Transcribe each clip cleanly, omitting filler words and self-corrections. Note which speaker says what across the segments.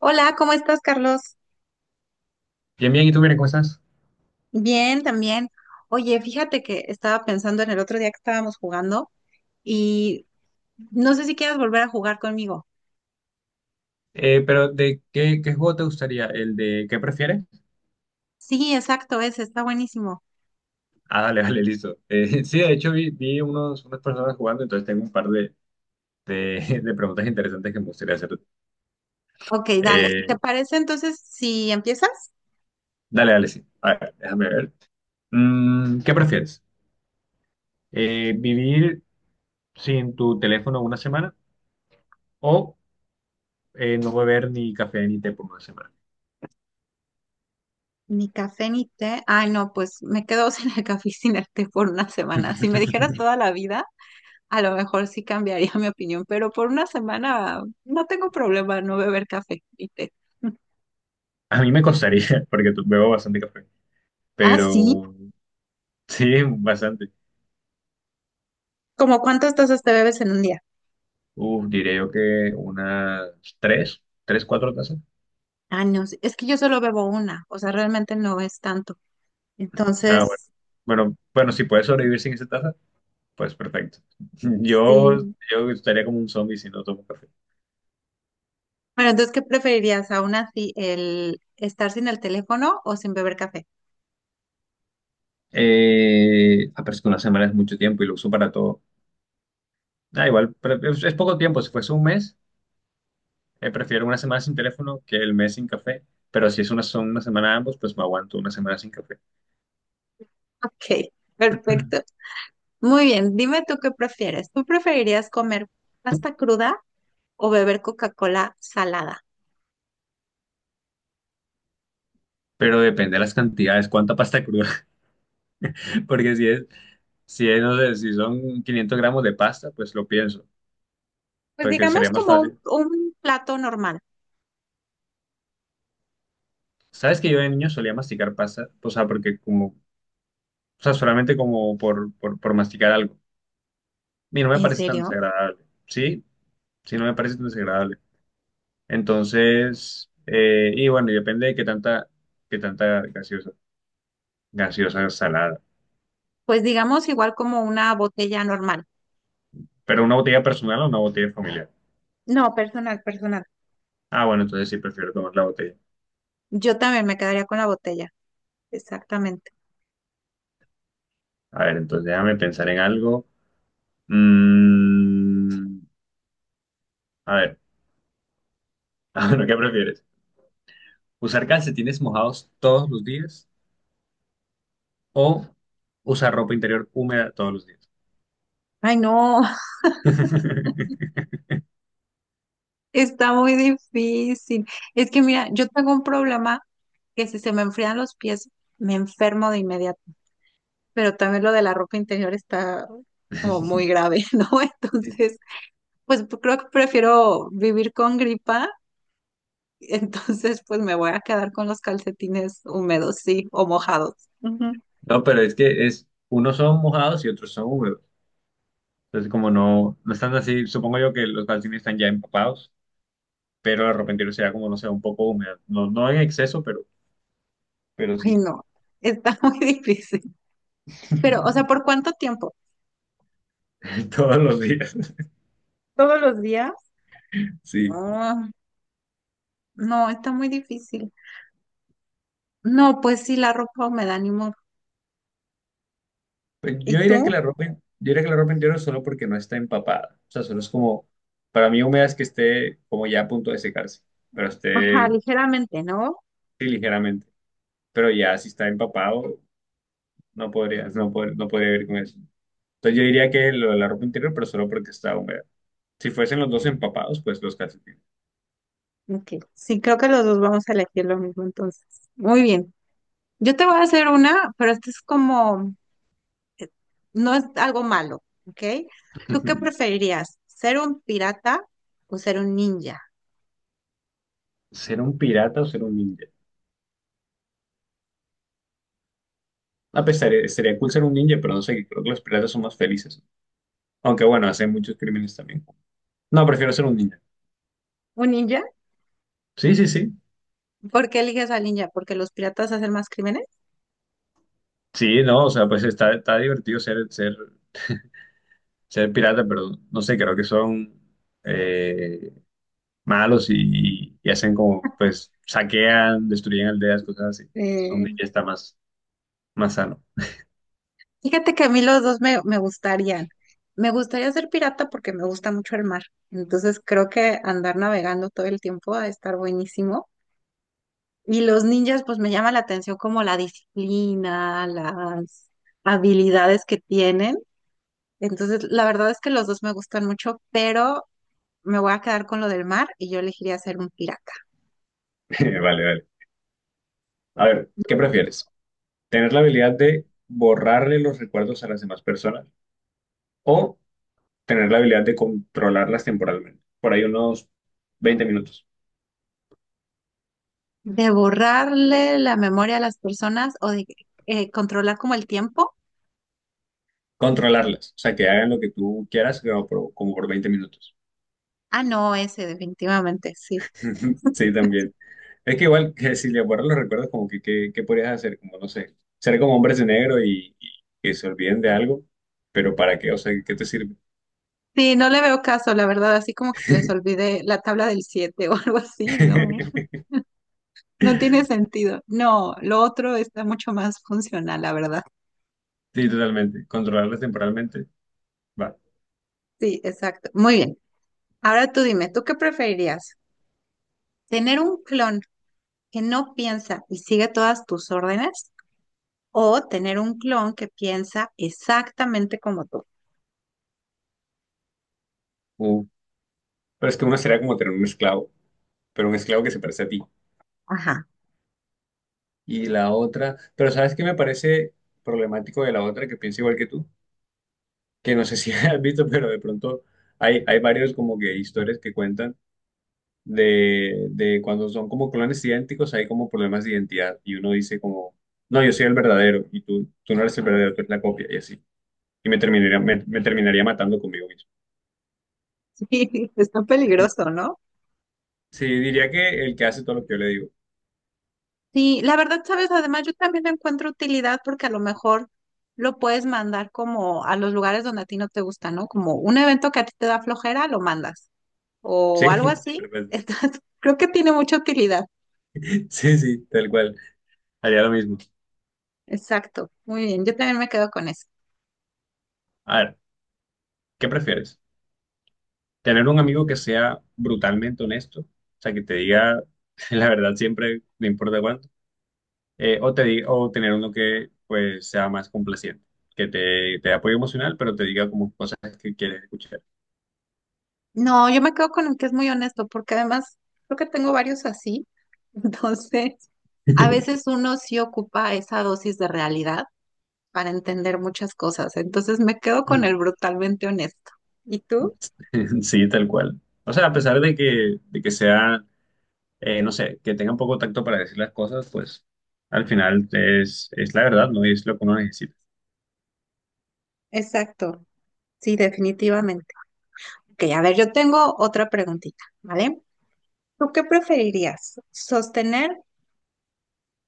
Speaker 1: Hola, ¿cómo estás, Carlos?
Speaker 2: Bien, bien, ¿y tú, bien, cómo estás?
Speaker 1: Bien, también. Oye, fíjate que estaba pensando en el otro día que estábamos jugando y no sé si quieras volver a jugar conmigo.
Speaker 2: Pero, ¿qué juego te gustaría? ¿El de qué prefieres?
Speaker 1: Sí, exacto, ese está buenísimo.
Speaker 2: Ah, dale, dale, listo. Sí, de hecho, vi unas personas jugando, entonces tengo un par de preguntas interesantes que me gustaría hacer.
Speaker 1: Ok, dale.
Speaker 2: Eh,
Speaker 1: ¿Te parece entonces si empiezas?
Speaker 2: dale, dale, sí. A ver, déjame ver. ¿Qué prefieres? ¿Vivir sin tu teléfono una semana o no beber ni café ni té por una semana?
Speaker 1: Ni café ni té. Ay, no, pues me quedo sin el café y sin el té por una semana. Si me dijeras toda la vida, a lo mejor sí cambiaría mi opinión, pero por una semana no tengo problema no beber café y té.
Speaker 2: A mí me costaría, porque bebo bastante café,
Speaker 1: Ah, sí.
Speaker 2: pero sí, bastante.
Speaker 1: ¿Cómo cuántas tazas te bebes en un día?
Speaker 2: Uf, diría yo que unas tres, cuatro tazas.
Speaker 1: Años. Es que yo solo bebo una, o sea, realmente no es tanto.
Speaker 2: Ah, mm, bueno.
Speaker 1: Entonces,
Speaker 2: Bueno, bueno, si puedes sobrevivir sin esa taza, pues perfecto. Yo,
Speaker 1: sí.
Speaker 2: yo estaría como un zombie si no tomo café.
Speaker 1: Bueno, entonces, ¿qué preferirías aún así, el estar sin el teléfono o sin beber café?
Speaker 2: Ah, pero es que una semana es mucho tiempo y lo uso para todo. Ah, igual, pero es poco tiempo. Si fuese un mes, prefiero una semana sin teléfono que el mes sin café. Pero si son una semana ambos, pues me aguanto una semana sin café.
Speaker 1: Ok, perfecto. Muy bien, dime tú qué prefieres. ¿Tú preferirías comer pasta cruda o beber Coca-Cola salada?
Speaker 2: Pero depende de las cantidades, cuánta pasta cruda. Porque si es, no sé, si son 500 gramos de pasta, pues lo pienso,
Speaker 1: Pues
Speaker 2: porque
Speaker 1: digamos
Speaker 2: sería más
Speaker 1: como un,
Speaker 2: fácil.
Speaker 1: un plato normal.
Speaker 2: ¿Sabes que yo de niño solía masticar pasta? O sea, porque como, o sea, solamente como por masticar algo. Y no me
Speaker 1: ¿En
Speaker 2: parece tan
Speaker 1: serio?
Speaker 2: desagradable, ¿sí? Sí, no me parece tan desagradable. Entonces, y bueno, y depende de qué tanta gaseosa salada.
Speaker 1: Pues digamos igual como una botella normal.
Speaker 2: Pero una botella personal o una botella familiar.
Speaker 1: No, personal, personal.
Speaker 2: Ah, bueno, entonces sí, prefiero tomar la botella.
Speaker 1: Yo también me quedaría con la botella. Exactamente.
Speaker 2: A ver, entonces déjame pensar en algo. Mm, a ver, ah, bueno, ¿qué prefieres? Usar calcetines mojados todos los días o usar ropa interior húmeda todos los días.
Speaker 1: Ay, no. Está muy difícil. Es que mira, yo tengo un problema que si se me enfrían los pies, me enfermo de inmediato. Pero también lo de la ropa interior está como muy grave, ¿no? Entonces, pues creo que prefiero vivir con gripa. Entonces, pues me voy a quedar con los calcetines húmedos, sí, o mojados. Ujú.
Speaker 2: No, pero es que unos son mojados y otros son húmedos. Entonces, como no están así, supongo yo que los calcetines están ya empapados, pero la ropa interior sea como, no sé, un poco húmeda. No, no en exceso, pero
Speaker 1: Ay,
Speaker 2: sí.
Speaker 1: no, está muy difícil. Pero, o sea, ¿por cuánto tiempo?
Speaker 2: Todos los días.
Speaker 1: ¿Todos los días?
Speaker 2: Sí.
Speaker 1: Ah, no, está muy difícil. No, pues sí, la ropa húmeda, ni modo.
Speaker 2: Pues
Speaker 1: ¿Y tú?
Speaker 2: Yo diría que la ropa interior solo porque no está empapada. O sea, solo es como, para mí húmeda es que esté como ya a punto de secarse, pero
Speaker 1: Ajá,
Speaker 2: esté.
Speaker 1: ligeramente, ¿no?
Speaker 2: Sí, ligeramente. Pero ya si está empapado, no podría ir con eso. Entonces yo diría que lo de la ropa interior, pero solo porque está húmeda. Si fuesen los dos empapados, pues los calcetines.
Speaker 1: Ok. Sí, creo que los dos vamos a elegir lo mismo entonces. Muy bien. Yo te voy a hacer una, pero esto es como, no es algo malo, ¿ok? ¿Tú qué preferirías? ¿Ser un pirata o ser un ninja?
Speaker 2: ¿Ser un pirata o ser un ninja? A pesar, sería cool ser un ninja, pero no sé, creo que los piratas son más felices. Aunque bueno, hacen muchos crímenes también. No, prefiero ser un ninja.
Speaker 1: ¿Un ninja?
Speaker 2: Sí, sí, sí.
Speaker 1: ¿Por qué eliges al ninja? ¿Porque los piratas hacen más crímenes?
Speaker 2: Sí, no, o sea, pues está divertido ser pirata, pero no sé, creo que son... eh, malos y hacen como, pues, saquean, destruyen aldeas, cosas así. Es
Speaker 1: Eh,
Speaker 2: donde ya está más sano.
Speaker 1: Fíjate que a mí los dos me gustarían. Me gustaría ser pirata porque me gusta mucho el mar. Entonces creo que andar navegando todo el tiempo va a estar buenísimo. Y los ninjas, pues me llama la atención como la disciplina, las habilidades que tienen. Entonces, la verdad es que los dos me gustan mucho, pero me voy a quedar con lo del mar y yo elegiría ser un pirata.
Speaker 2: Vale, vale. A ver, ¿qué prefieres? ¿Tener la habilidad de borrarle los recuerdos a las demás personas o tener la habilidad de controlarlas temporalmente? Por ahí unos 20 minutos.
Speaker 1: De borrarle la memoria a las personas o de controlar como el tiempo.
Speaker 2: Controlarlas, o sea, que hagan lo que tú quieras, pero como por 20 minutos.
Speaker 1: Ah, no, ese definitivamente, sí.
Speaker 2: Sí, también. Es que igual que si le borran los recuerdos, como ¿qué podrías hacer? Como, no sé, ser como hombres de negro y que se olviden de algo, pero ¿para qué? O sea, ¿qué te sirve?
Speaker 1: Sí, no le veo caso, la verdad, así como que se les olvide la tabla del 7 o algo así, no, no tiene sentido. No, lo otro está mucho más funcional, la verdad.
Speaker 2: Sí, totalmente. Controlarlos temporalmente, va.
Speaker 1: Sí, exacto. Muy bien. Ahora tú dime, ¿tú qué preferirías? ¿Tener un clon que no piensa y sigue todas tus órdenes o tener un clon que piensa exactamente como tú?
Speaker 2: Uh, Pero es que una sería como tener un esclavo, pero un esclavo que se parece a ti.
Speaker 1: Ajá.
Speaker 2: Y la otra, pero ¿sabes qué me parece problemático de la otra que pienso igual que tú? Que no sé si has visto, pero de pronto hay varios como que historias que cuentan de cuando son como clones idénticos, hay como problemas de identidad y uno dice como, no, yo soy el verdadero y tú no eres el verdadero, tú eres la copia y así. Y me terminaría matando conmigo mismo.
Speaker 1: Sí, está peligroso, ¿no?
Speaker 2: Sí, diría que el que hace todo lo que yo le digo.
Speaker 1: Sí, la verdad, sabes, además yo también le encuentro utilidad porque a lo mejor lo puedes mandar como a los lugares donde a ti no te gusta, ¿no? Como un evento que a ti te da flojera, lo mandas
Speaker 2: Sí,
Speaker 1: o algo así.
Speaker 2: perfecto.
Speaker 1: Entonces, creo que tiene mucha utilidad.
Speaker 2: Sí, sí, tal cual. Haría lo mismo.
Speaker 1: Exacto, muy bien, yo también me quedo con eso.
Speaker 2: A ver, ¿qué prefieres? ¿Tener un amigo que sea brutalmente honesto? O sea, que te diga la verdad siempre, no importa cuánto. O tener uno que pues sea más complaciente, que te dé apoyo emocional, pero te diga como cosas que quieres escuchar.
Speaker 1: No, yo me quedo con el que es muy honesto porque además creo que tengo varios así. Entonces, a veces uno sí ocupa esa dosis de realidad para entender muchas cosas. Entonces, me quedo con el brutalmente honesto. ¿Y tú?
Speaker 2: Sí, tal cual. O sea, a pesar de que sea, no sé, que tengan poco tacto para decir las cosas, pues al final es la verdad, ¿no? Y es lo que uno necesita.
Speaker 1: Exacto, sí, definitivamente. Ok, a ver, yo tengo otra preguntita, ¿vale? ¿Tú qué preferirías? ¿Sostener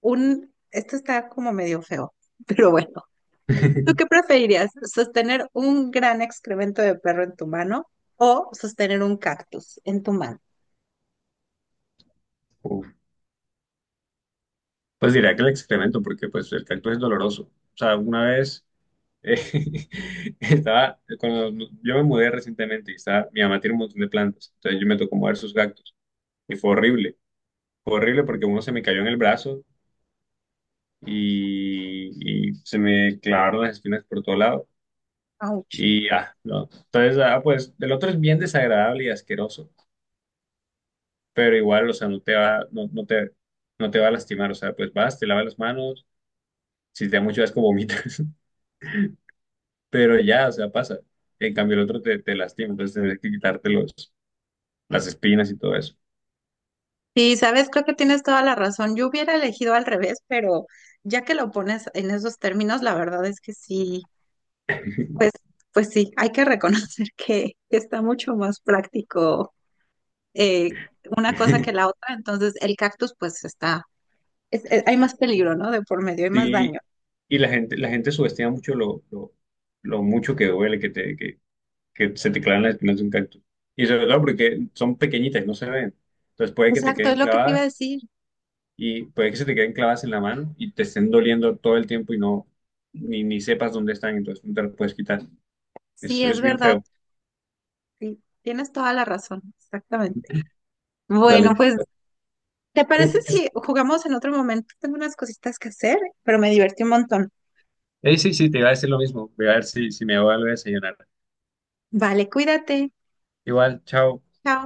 Speaker 1: un... Esto está como medio feo, pero bueno. ¿Tú qué preferirías? ¿Sostener un gran excremento de perro en tu mano o sostener un cactus en tu mano?
Speaker 2: Uf. Pues diría que el excremento, porque pues el cactus es doloroso. O sea, una vez eh, estaba, cuando yo me mudé recientemente y estaba, mi mamá tiene un montón de plantas, entonces yo me tocó mover sus cactus. Y fue horrible porque uno se me cayó en el brazo y se me clavaron las espinas por todo lado.
Speaker 1: Ouch.
Speaker 2: Y ah, no. Entonces, ah, pues el otro es bien desagradable y asqueroso, pero igual, o sea, no te va a lastimar, o sea, pues vas, te lavas las manos, si te da mucho asco vomitas, pero ya, o sea, pasa. En cambio, el otro te lastima, entonces tienes que quitarte las espinas y todo eso.
Speaker 1: Sí, sabes, creo que tienes toda la razón. Yo hubiera elegido al revés, pero ya que lo pones en esos términos, la verdad es que sí, pues, pues sí, hay que reconocer que está mucho más práctico eh, una cosa que la otra, entonces el cactus pues está, hay más peligro, ¿no? De por medio, hay más
Speaker 2: Sí,
Speaker 1: daño.
Speaker 2: y la gente subestima mucho lo mucho que duele, que se te clavan las espinas de un cactus. Y sobre todo porque son pequeñitas, no se ven. Entonces puede que te
Speaker 1: Exacto, es
Speaker 2: queden
Speaker 1: lo que te iba a
Speaker 2: clavadas
Speaker 1: decir.
Speaker 2: y puede que se te queden clavadas en la mano y te estén doliendo todo el tiempo y ni sepas dónde están, entonces no te las puedes quitar.
Speaker 1: Sí,
Speaker 2: Es,
Speaker 1: es
Speaker 2: es bien
Speaker 1: verdad.
Speaker 2: feo.
Speaker 1: Sí, tienes toda la razón, exactamente. Bueno,
Speaker 2: Dale.
Speaker 1: pues, ¿te parece si jugamos en otro momento? Tengo unas cositas que hacer, pero me divertí un montón.
Speaker 2: Sí, sí, te iba a decir lo mismo. Voy a ver si me voy a volver a desayunar.
Speaker 1: Vale, cuídate.
Speaker 2: Igual, chao.
Speaker 1: Chao.